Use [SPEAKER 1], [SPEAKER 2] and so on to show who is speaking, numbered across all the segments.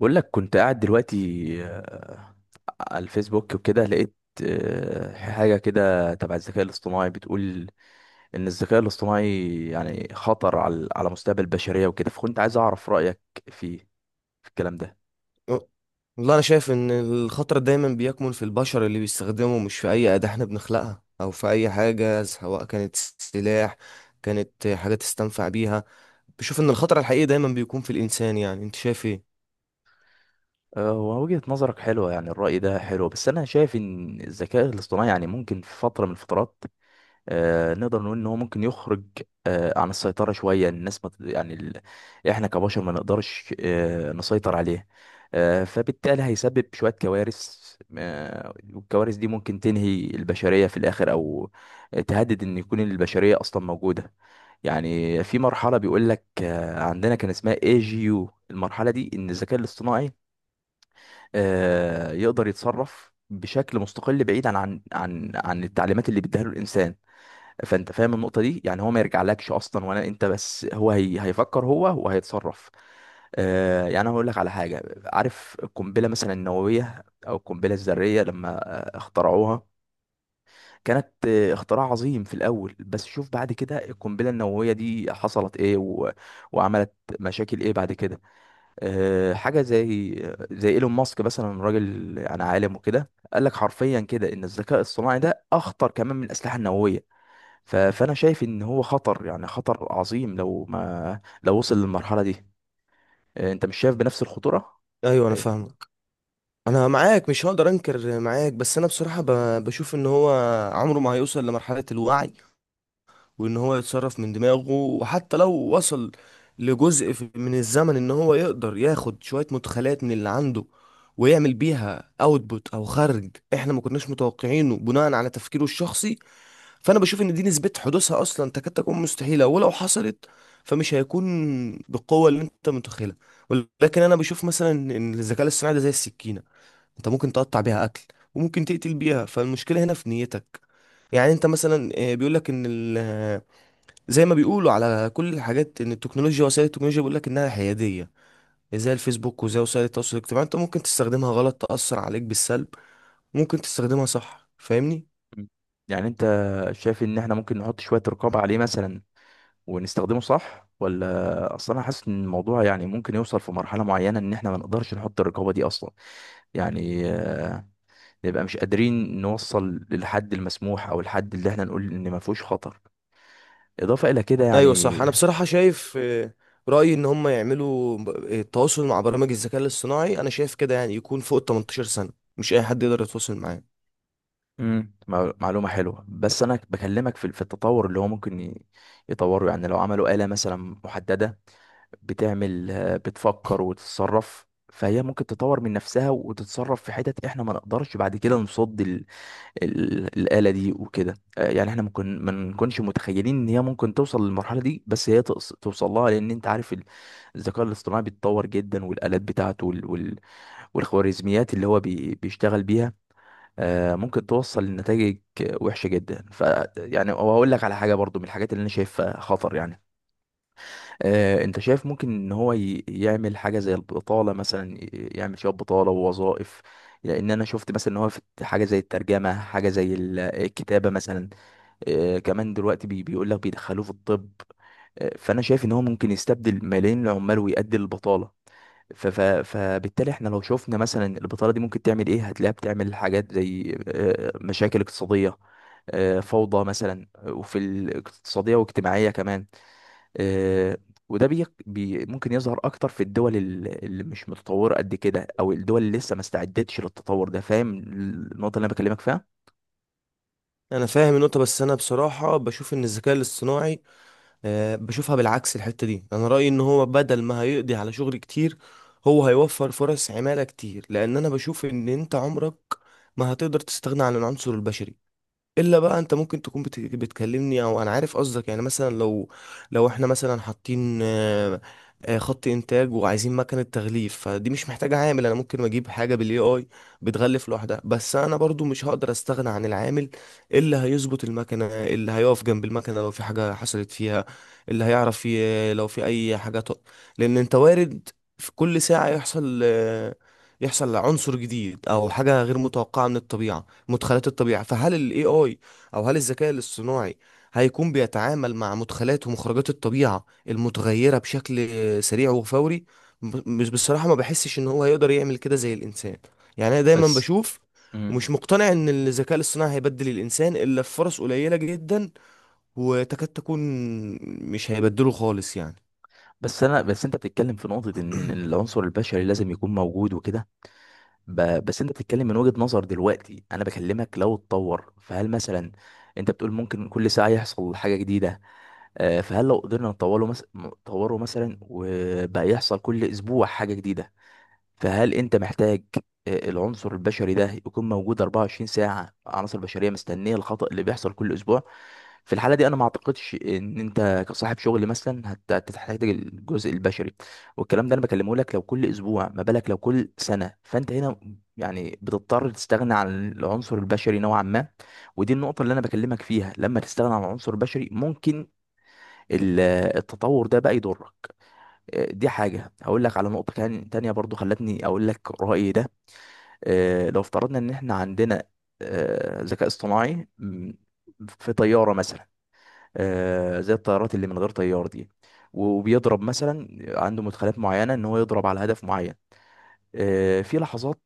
[SPEAKER 1] بقول لك كنت قاعد دلوقتي. آه، على الفيسبوك وكده لقيت حاجة كده تبع الذكاء الاصطناعي، بتقول إن الذكاء الاصطناعي يعني خطر على مستقبل البشرية وكده، فكنت عايز أعرف رأيك فيه في الكلام ده.
[SPEAKER 2] والله انا شايف ان الخطر دايما بيكمن في البشر اللي بيستخدمه، مش في اي اداة احنا بنخلقها او في اي حاجة، سواء كانت سلاح كانت حاجة تستنفع بيها. بشوف ان الخطر الحقيقي دايما بيكون في الانسان. يعني انت شايف ايه؟
[SPEAKER 1] ووجهة نظرك حلوة، يعني الرأي ده حلو، بس أنا شايف إن الذكاء الاصطناعي يعني ممكن في فترة من الفترات نقدر نقول ان هو ممكن يخرج عن السيطرة شوية، الناس ما ت- يعني ال... احنا كبشر ما نقدرش نسيطر عليه. فبالتالي هيسبب شوية كوارث، والكوارث دي ممكن تنهي البشرية في الآخر، أو تهدد إن يكون البشرية أصلا موجودة. يعني في مرحلة بيقول لك عندنا كان اسمها اي جي يو، المرحلة دي إن الذكاء الاصطناعي يقدر يتصرف بشكل مستقل، بعيد عن التعليمات اللي بيديها له الإنسان. فانت فاهم النقطه دي؟ يعني هو ما يرجعلكش اصلا ولا انت، بس هو هيفكر هو وهيتصرف. يعني انا هقول لك على حاجه، عارف القنبله مثلا النوويه او القنبله الذريه، لما اخترعوها كانت اختراع عظيم في الاول، بس شوف بعد كده القنبله النوويه دي حصلت ايه وعملت مشاكل ايه بعد كده. حاجه زي ايلون ماسك مثلا، راجل انا عالم وكده، قال لك حرفيا كده ان الذكاء الصناعي ده اخطر كمان من الاسلحه النوويه. فانا شايف ان هو خطر، يعني خطر عظيم لو ما لو وصل للمرحله دي. انت مش شايف بنفس الخطوره؟
[SPEAKER 2] ايوه، انا
[SPEAKER 1] إيه؟
[SPEAKER 2] فاهمك. انا معاك، مش هقدر انكر معاك، بس انا بصراحة بشوف ان هو عمره ما هيوصل لمرحلة الوعي، وان هو يتصرف من دماغه. وحتى لو وصل لجزء من الزمن ان هو يقدر ياخد شوية مدخلات من اللي عنده ويعمل بيها اوتبوت او خرج احنا ما كناش متوقعينه بناء على تفكيره الشخصي، فانا بشوف ان دي نسبة حدوثها اصلا تكاد تكون مستحيلة. ولو حصلت فمش هيكون بالقوة اللي انت متخيلها. ولكن انا بشوف مثلا ان الذكاء الاصطناعي ده زي السكينة، انت ممكن تقطع بيها اكل وممكن تقتل بيها، فالمشكلة هنا في نيتك. يعني انت مثلا بيقول لك ان زي ما بيقولوا على كل الحاجات ان التكنولوجيا، وسائل التكنولوجيا، بيقول لك انها حياديه، زي الفيسبوك وزي وسائل التواصل الاجتماعي، انت ممكن تستخدمها غلط تاثر عليك بالسلب، ممكن تستخدمها صح. فاهمني؟
[SPEAKER 1] مم. يعني انت شايف ان احنا ممكن نحط شويه رقابه عليه مثلا ونستخدمه صح، ولا اصلا انا حاسس ان الموضوع يعني ممكن يوصل في مرحله معينه ان احنا ما نقدرش نحط الرقابه دي اصلا، يعني نبقى مش قادرين نوصل للحد المسموح او الحد اللي احنا نقول ان ما فيهوش خطر. اضافه الى كده
[SPEAKER 2] ايوه
[SPEAKER 1] يعني.
[SPEAKER 2] صح. انا بصراحه شايف، رايي ان هم يعملوا التواصل مع برامج الذكاء الاصطناعي. انا شايف كده، يعني يكون فوق ال 18 سنه، مش اي حد يقدر يتواصل معاه.
[SPEAKER 1] امم معلومة حلوة، بس انا بكلمك في التطور اللي هو ممكن يطوره. يعني لو عملوا آلة مثلا محددة بتعمل آه، بتفكر وتتصرف، فهي ممكن تطور من نفسها وتتصرف في حتت احنا ما نقدرش بعد كده نصد الآلة دي وكده. يعني احنا ممكن ما نكونش متخيلين ان هي ممكن توصل للمرحلة دي، بس هي توصل لها، لان انت عارف الذكاء الاصطناعي بيتطور جدا، والآلات بتاعته، والخوارزميات اللي هو بيشتغل بيها ممكن توصل لنتائج وحشه جدا. ف يعني وهقول لك على حاجه برضو، من الحاجات اللي انا شايفها خطر يعني، انت شايف ممكن ان هو يعمل حاجه زي البطاله مثلا، يعمل شويه بطاله ووظائف. لان انا شفت مثلا ان هو في حاجه زي الترجمه، حاجه زي الكتابه مثلا. كمان دلوقتي بيقول لك بيدخلوه في الطب. فانا شايف ان هو ممكن يستبدل ملايين العمال ويؤدي للبطاله. فبالتالي احنا لو شفنا مثلا البطالة دي ممكن تعمل ايه، هتلاقيها بتعمل حاجات زي مشاكل اقتصادية، فوضى مثلا، وفي الاقتصادية واجتماعية كمان. آه، وده ممكن يظهر اكتر في الدول اللي مش متطورة قد كده، او الدول اللي لسه ما استعدتش للتطور ده. فاهم النقطة اللي انا بكلمك فيها؟
[SPEAKER 2] انا فاهم النقطه، بس انا بصراحه بشوف ان الذكاء الاصطناعي بشوفها بالعكس الحتة دي. انا رأيي ان هو بدل ما هيقضي على شغل كتير، هو هيوفر فرص عمالة كتير، لان انا بشوف ان انت عمرك ما هتقدر تستغنى عن العنصر البشري. الا بقى انت ممكن تكون بتكلمني، او انا عارف قصدك. يعني مثلا لو احنا مثلا حاطين خط انتاج وعايزين مكنه تغليف، فدي مش محتاجه عامل. انا ممكن اجيب حاجه بالاي اي بتغلف لوحدها، بس انا برضو مش هقدر استغنى عن العامل اللي هيظبط المكنه، اللي هيقف جنب المكنه لو في حاجه حصلت فيها، اللي هيعرف لو في اي حاجه لان انت وارد في كل ساعه يحصل، يحصل عنصر جديد او حاجه غير متوقعه من الطبيعه، مدخلات الطبيعة. فهل ال AI أو هل الذكاء الاصطناعي هيكون بيتعامل مع مدخلات ومخرجات الطبيعة المتغيرة بشكل سريع وفوري؟ مش بصراحة ما بحسش إن هو هيقدر يعمل كده زي الإنسان. يعني أنا دايما
[SPEAKER 1] بس
[SPEAKER 2] بشوف،
[SPEAKER 1] مم.
[SPEAKER 2] ومش مقتنع إن الذكاء الاصطناعي هيبدل الإنسان إلا في فرص قليلة جدا وتكاد تكون مش هيبدله خالص يعني.
[SPEAKER 1] بس انا بس انت بتتكلم في نقطة ان العنصر البشري لازم يكون موجود وكده. بس انت بتتكلم من وجهة نظر دلوقتي. انا بكلمك لو اتطور، فهل مثلا، انت بتقول ممكن كل ساعة يحصل حاجة جديدة، فهل لو قدرنا نطوره مثلا نطوره مثلا، وبقى يحصل كل اسبوع حاجة جديدة، فهل انت محتاج العنصر البشري ده يكون موجود 24 ساعة؟ عناصر بشرية مستنية الخطأ اللي بيحصل كل اسبوع؟ في الحالة دي انا ما اعتقدش ان انت كصاحب شغل مثلا هتحتاج الجزء البشري. والكلام ده انا بكلمه لك لو كل اسبوع، ما بالك لو كل سنة. فانت هنا يعني بتضطر تستغنى عن العنصر البشري نوعا ما. ودي النقطة اللي انا بكلمك فيها، لما تستغنى عن العنصر البشري ممكن ال- التطور ده بقى يضرك. دي حاجة. هقول لك على نقطة كان تانية برضو خلتني أقول لك رأيي ده. لو افترضنا إن إحنا عندنا ذكاء اصطناعي في طيارة مثلا، زي الطيارات اللي من غير طيار دي، وبيضرب مثلا، عنده مدخلات معينة إن هو يضرب على هدف معين في لحظات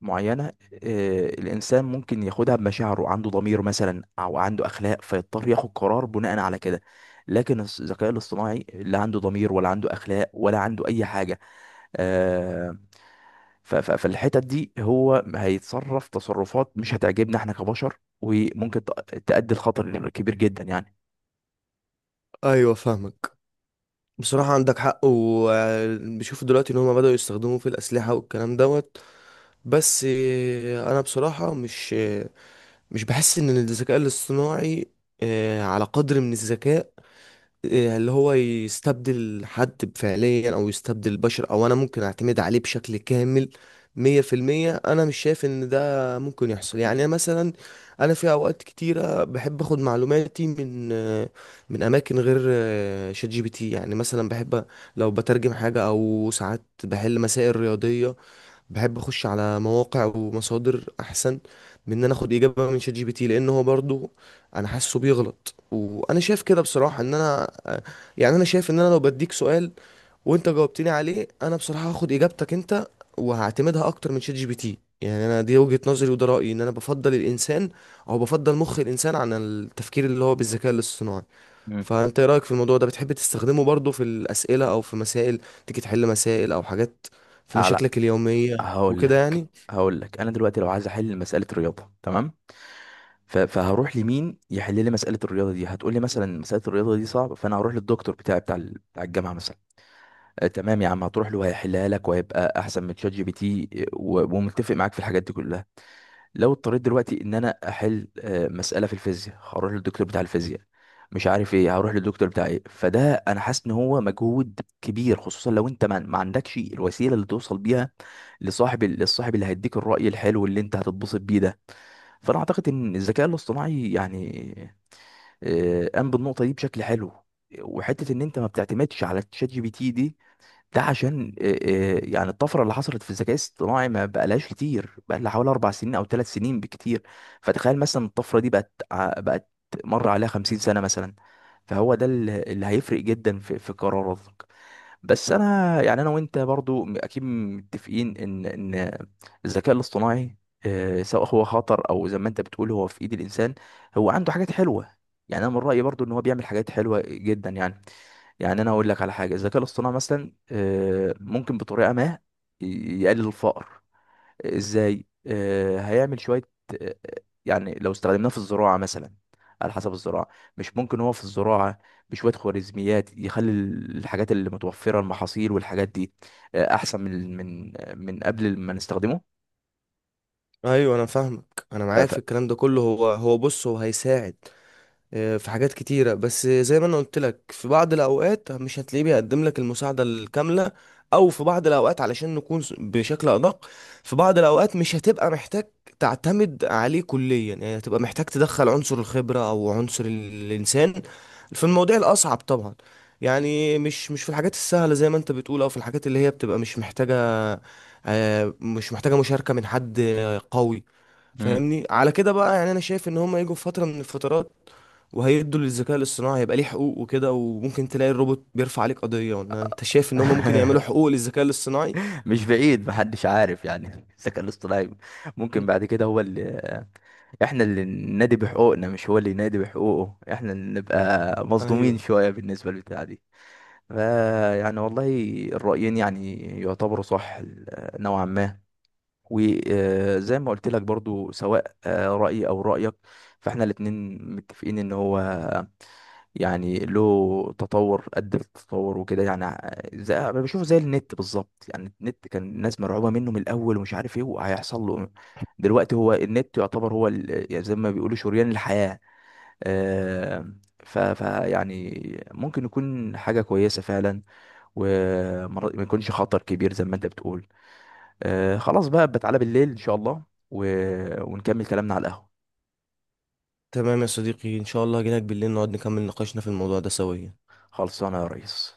[SPEAKER 1] معينة. الإنسان ممكن ياخدها بمشاعره، عنده ضمير مثلا أو عنده أخلاق، فيضطر ياخد قرار بناء على كده. لكن الذكاء الاصطناعي لا عنده ضمير، ولا عنده أخلاق، ولا عنده أي حاجة. آه، فالحتت دي هو هيتصرف تصرفات مش هتعجبنا احنا كبشر، وممكن تؤدي لخطر كبير جدا يعني.
[SPEAKER 2] ايوه فاهمك. بصراحة عندك حق. وبشوف دلوقتي ان هما بدأوا يستخدموه في الأسلحة والكلام دوت. بس انا بصراحة مش بحس ان الذكاء الاصطناعي على قدر من الذكاء، اللي هو يستبدل حد فعليا او يستبدل البشر، او انا ممكن اعتمد عليه بشكل كامل 100%. انا مش شايف ان ده ممكن يحصل. يعني أنا مثلا انا في اوقات كتيرة بحب اخد معلوماتي من، من اماكن غير شات جي بي تي. يعني مثلا بحب لو بترجم حاجة او ساعات بحل مسائل رياضية، بحب اخش على مواقع ومصادر احسن من ان انا اخد اجابه من شات جي بي تي، لان هو برضو انا حاسه بيغلط. وانا شايف كده بصراحه، ان انا يعني انا شايف، ان انا لو بديك سؤال وانت جاوبتني عليه، انا بصراحه هاخد اجابتك انت وهعتمدها اكتر من شات جي بي تي. يعني انا دي وجهه نظري وده رايي، ان انا بفضل الانسان او بفضل مخ الانسان عن التفكير اللي هو بالذكاء الاصطناعي.
[SPEAKER 1] مم.
[SPEAKER 2] فانت ايه رايك في الموضوع ده؟ بتحب تستخدمه برضو في الاسئله او في مسائل، تيجي تحل مسائل او حاجات في
[SPEAKER 1] لا.
[SPEAKER 2] مشاكلك اليوميه
[SPEAKER 1] هقول
[SPEAKER 2] وكده
[SPEAKER 1] لك
[SPEAKER 2] يعني؟
[SPEAKER 1] هقول لك انا دلوقتي لو عايز احل مساله الرياضه، تمام؟ فهروح لمين يحل لي مساله الرياضه دي؟ هتقول لي مثلا مساله الرياضه دي صعبه، فانا هروح للدكتور بتاعي بتاع بتاع الجامعه مثلا. آه تمام يا عم، هتروح له هيحلها لك وهيبقى احسن من ChatGPT، ومتفق معاك في الحاجات دي كلها. لو اضطريت دلوقتي ان انا احل مساله في الفيزياء، هروح للدكتور بتاع الفيزياء، مش عارف ايه هروح للدكتور بتاع ايه. فده انا حاسس ان هو مجهود كبير، خصوصا لو انت ما عندكش الوسيله اللي توصل بيها لصاحب للصاحب اللي هيديك الراي الحلو اللي انت هتتبسط بيه ده. فانا اعتقد ان الذكاء الاصطناعي يعني قام بالنقطه دي بشكل حلو. وحته ان انت ما بتعتمدش على ChatGPT دي، ده عشان يعني الطفره اللي حصلت في الذكاء الاصطناعي ما بقالهاش كتير، بقى لها حوالي 4 سنين او 3 سنين بكتير. فتخيل مثلا الطفره دي بقت بقت مر عليها 50 سنه مثلا، فهو ده اللي هيفرق جدا في قراراتك. بس انا يعني انا وانت برضو اكيد متفقين ان الذكاء الاصطناعي سواء هو خطر او زي ما انت بتقول هو في ايد الانسان، هو عنده حاجات حلوه. يعني انا من رايي برضو ان هو بيعمل حاجات حلوه جدا يعني انا هقول لك على حاجه، الذكاء الاصطناعي مثلا ممكن بطريقه ما يقلل الفقر. ازاي؟ هيعمل شويه آه، يعني لو استخدمناه في الزراعه مثلا، على حسب الزراعه، مش ممكن هو في الزراعه بشويه خوارزميات يخلي الحاجات اللي متوفره، المحاصيل والحاجات دي، احسن من من قبل ما نستخدمه؟
[SPEAKER 2] ايوه انا فاهمك. انا
[SPEAKER 1] ف-
[SPEAKER 2] معاك
[SPEAKER 1] ف-
[SPEAKER 2] في الكلام ده كله، هو بص هو هيساعد في حاجات كتيرة. بس زي ما انا قلت لك، في بعض الاوقات مش هتلاقيه بيقدم لك المساعدة الكاملة، او في بعض الاوقات علشان نكون بشكل ادق، في بعض الاوقات مش هتبقى محتاج تعتمد عليه كليا، يعني هتبقى محتاج تدخل عنصر الخبرة او عنصر الانسان في المواضيع الاصعب طبعا. يعني مش في الحاجات السهلة، زي ما انت بتقول، او في الحاجات اللي هي بتبقى مش محتاجة، مش محتاجة مشاركة من حد قوي. فاهمني على كده بقى؟ يعني انا شايف ان هم يجوا في فتره من الفترات وهيدوا للذكاء الاصطناعي، هيبقى ليه حقوق وكده. وممكن تلاقي الروبوت بيرفع عليك قضية، إن انت شايف ان هم ممكن يعملوا
[SPEAKER 1] مم.
[SPEAKER 2] حقوق للذكاء الاصطناعي.
[SPEAKER 1] مش بعيد، محدش عارف يعني. الذكاء الاصطناعي ممكن
[SPEAKER 2] مم.
[SPEAKER 1] بعد كده هو اللي احنا اللي ننادي بحقوقنا مش هو اللي ينادي بحقوقه، احنا اللي نبقى
[SPEAKER 2] ايوه.
[SPEAKER 1] مظلومين شوية بالنسبة للبتاع دي. يعني والله الرأيين يعني يعتبروا صح، نوعا ما. وزي ما قلت لك برضو، سواء رأيي أو رأيك، فاحنا الاتنين متفقين ان هو يعني له تطور قد التطور وكده. يعني زي بشوفه زي النت بالظبط، يعني النت كان الناس مرعوبة منه من الأول ومش عارف ايه وهيحصل له إيه. دلوقتي هو النت يعتبر هو يعني زي ما بيقولوا شريان الحياة. آه، ف يعني ممكن يكون حاجة كويسة فعلا، وما يكونش خطر كبير زي ما انت بتقول. خلاص بقى، بتعالى بالليل ان شاء الله و... ونكمل كلامنا على القهوة.
[SPEAKER 2] تمام يا صديقي، ان شاء الله هجيلك بالليل نقعد نكمل نقاشنا في الموضوع ده سويا.
[SPEAKER 1] خلصانه يا ريس.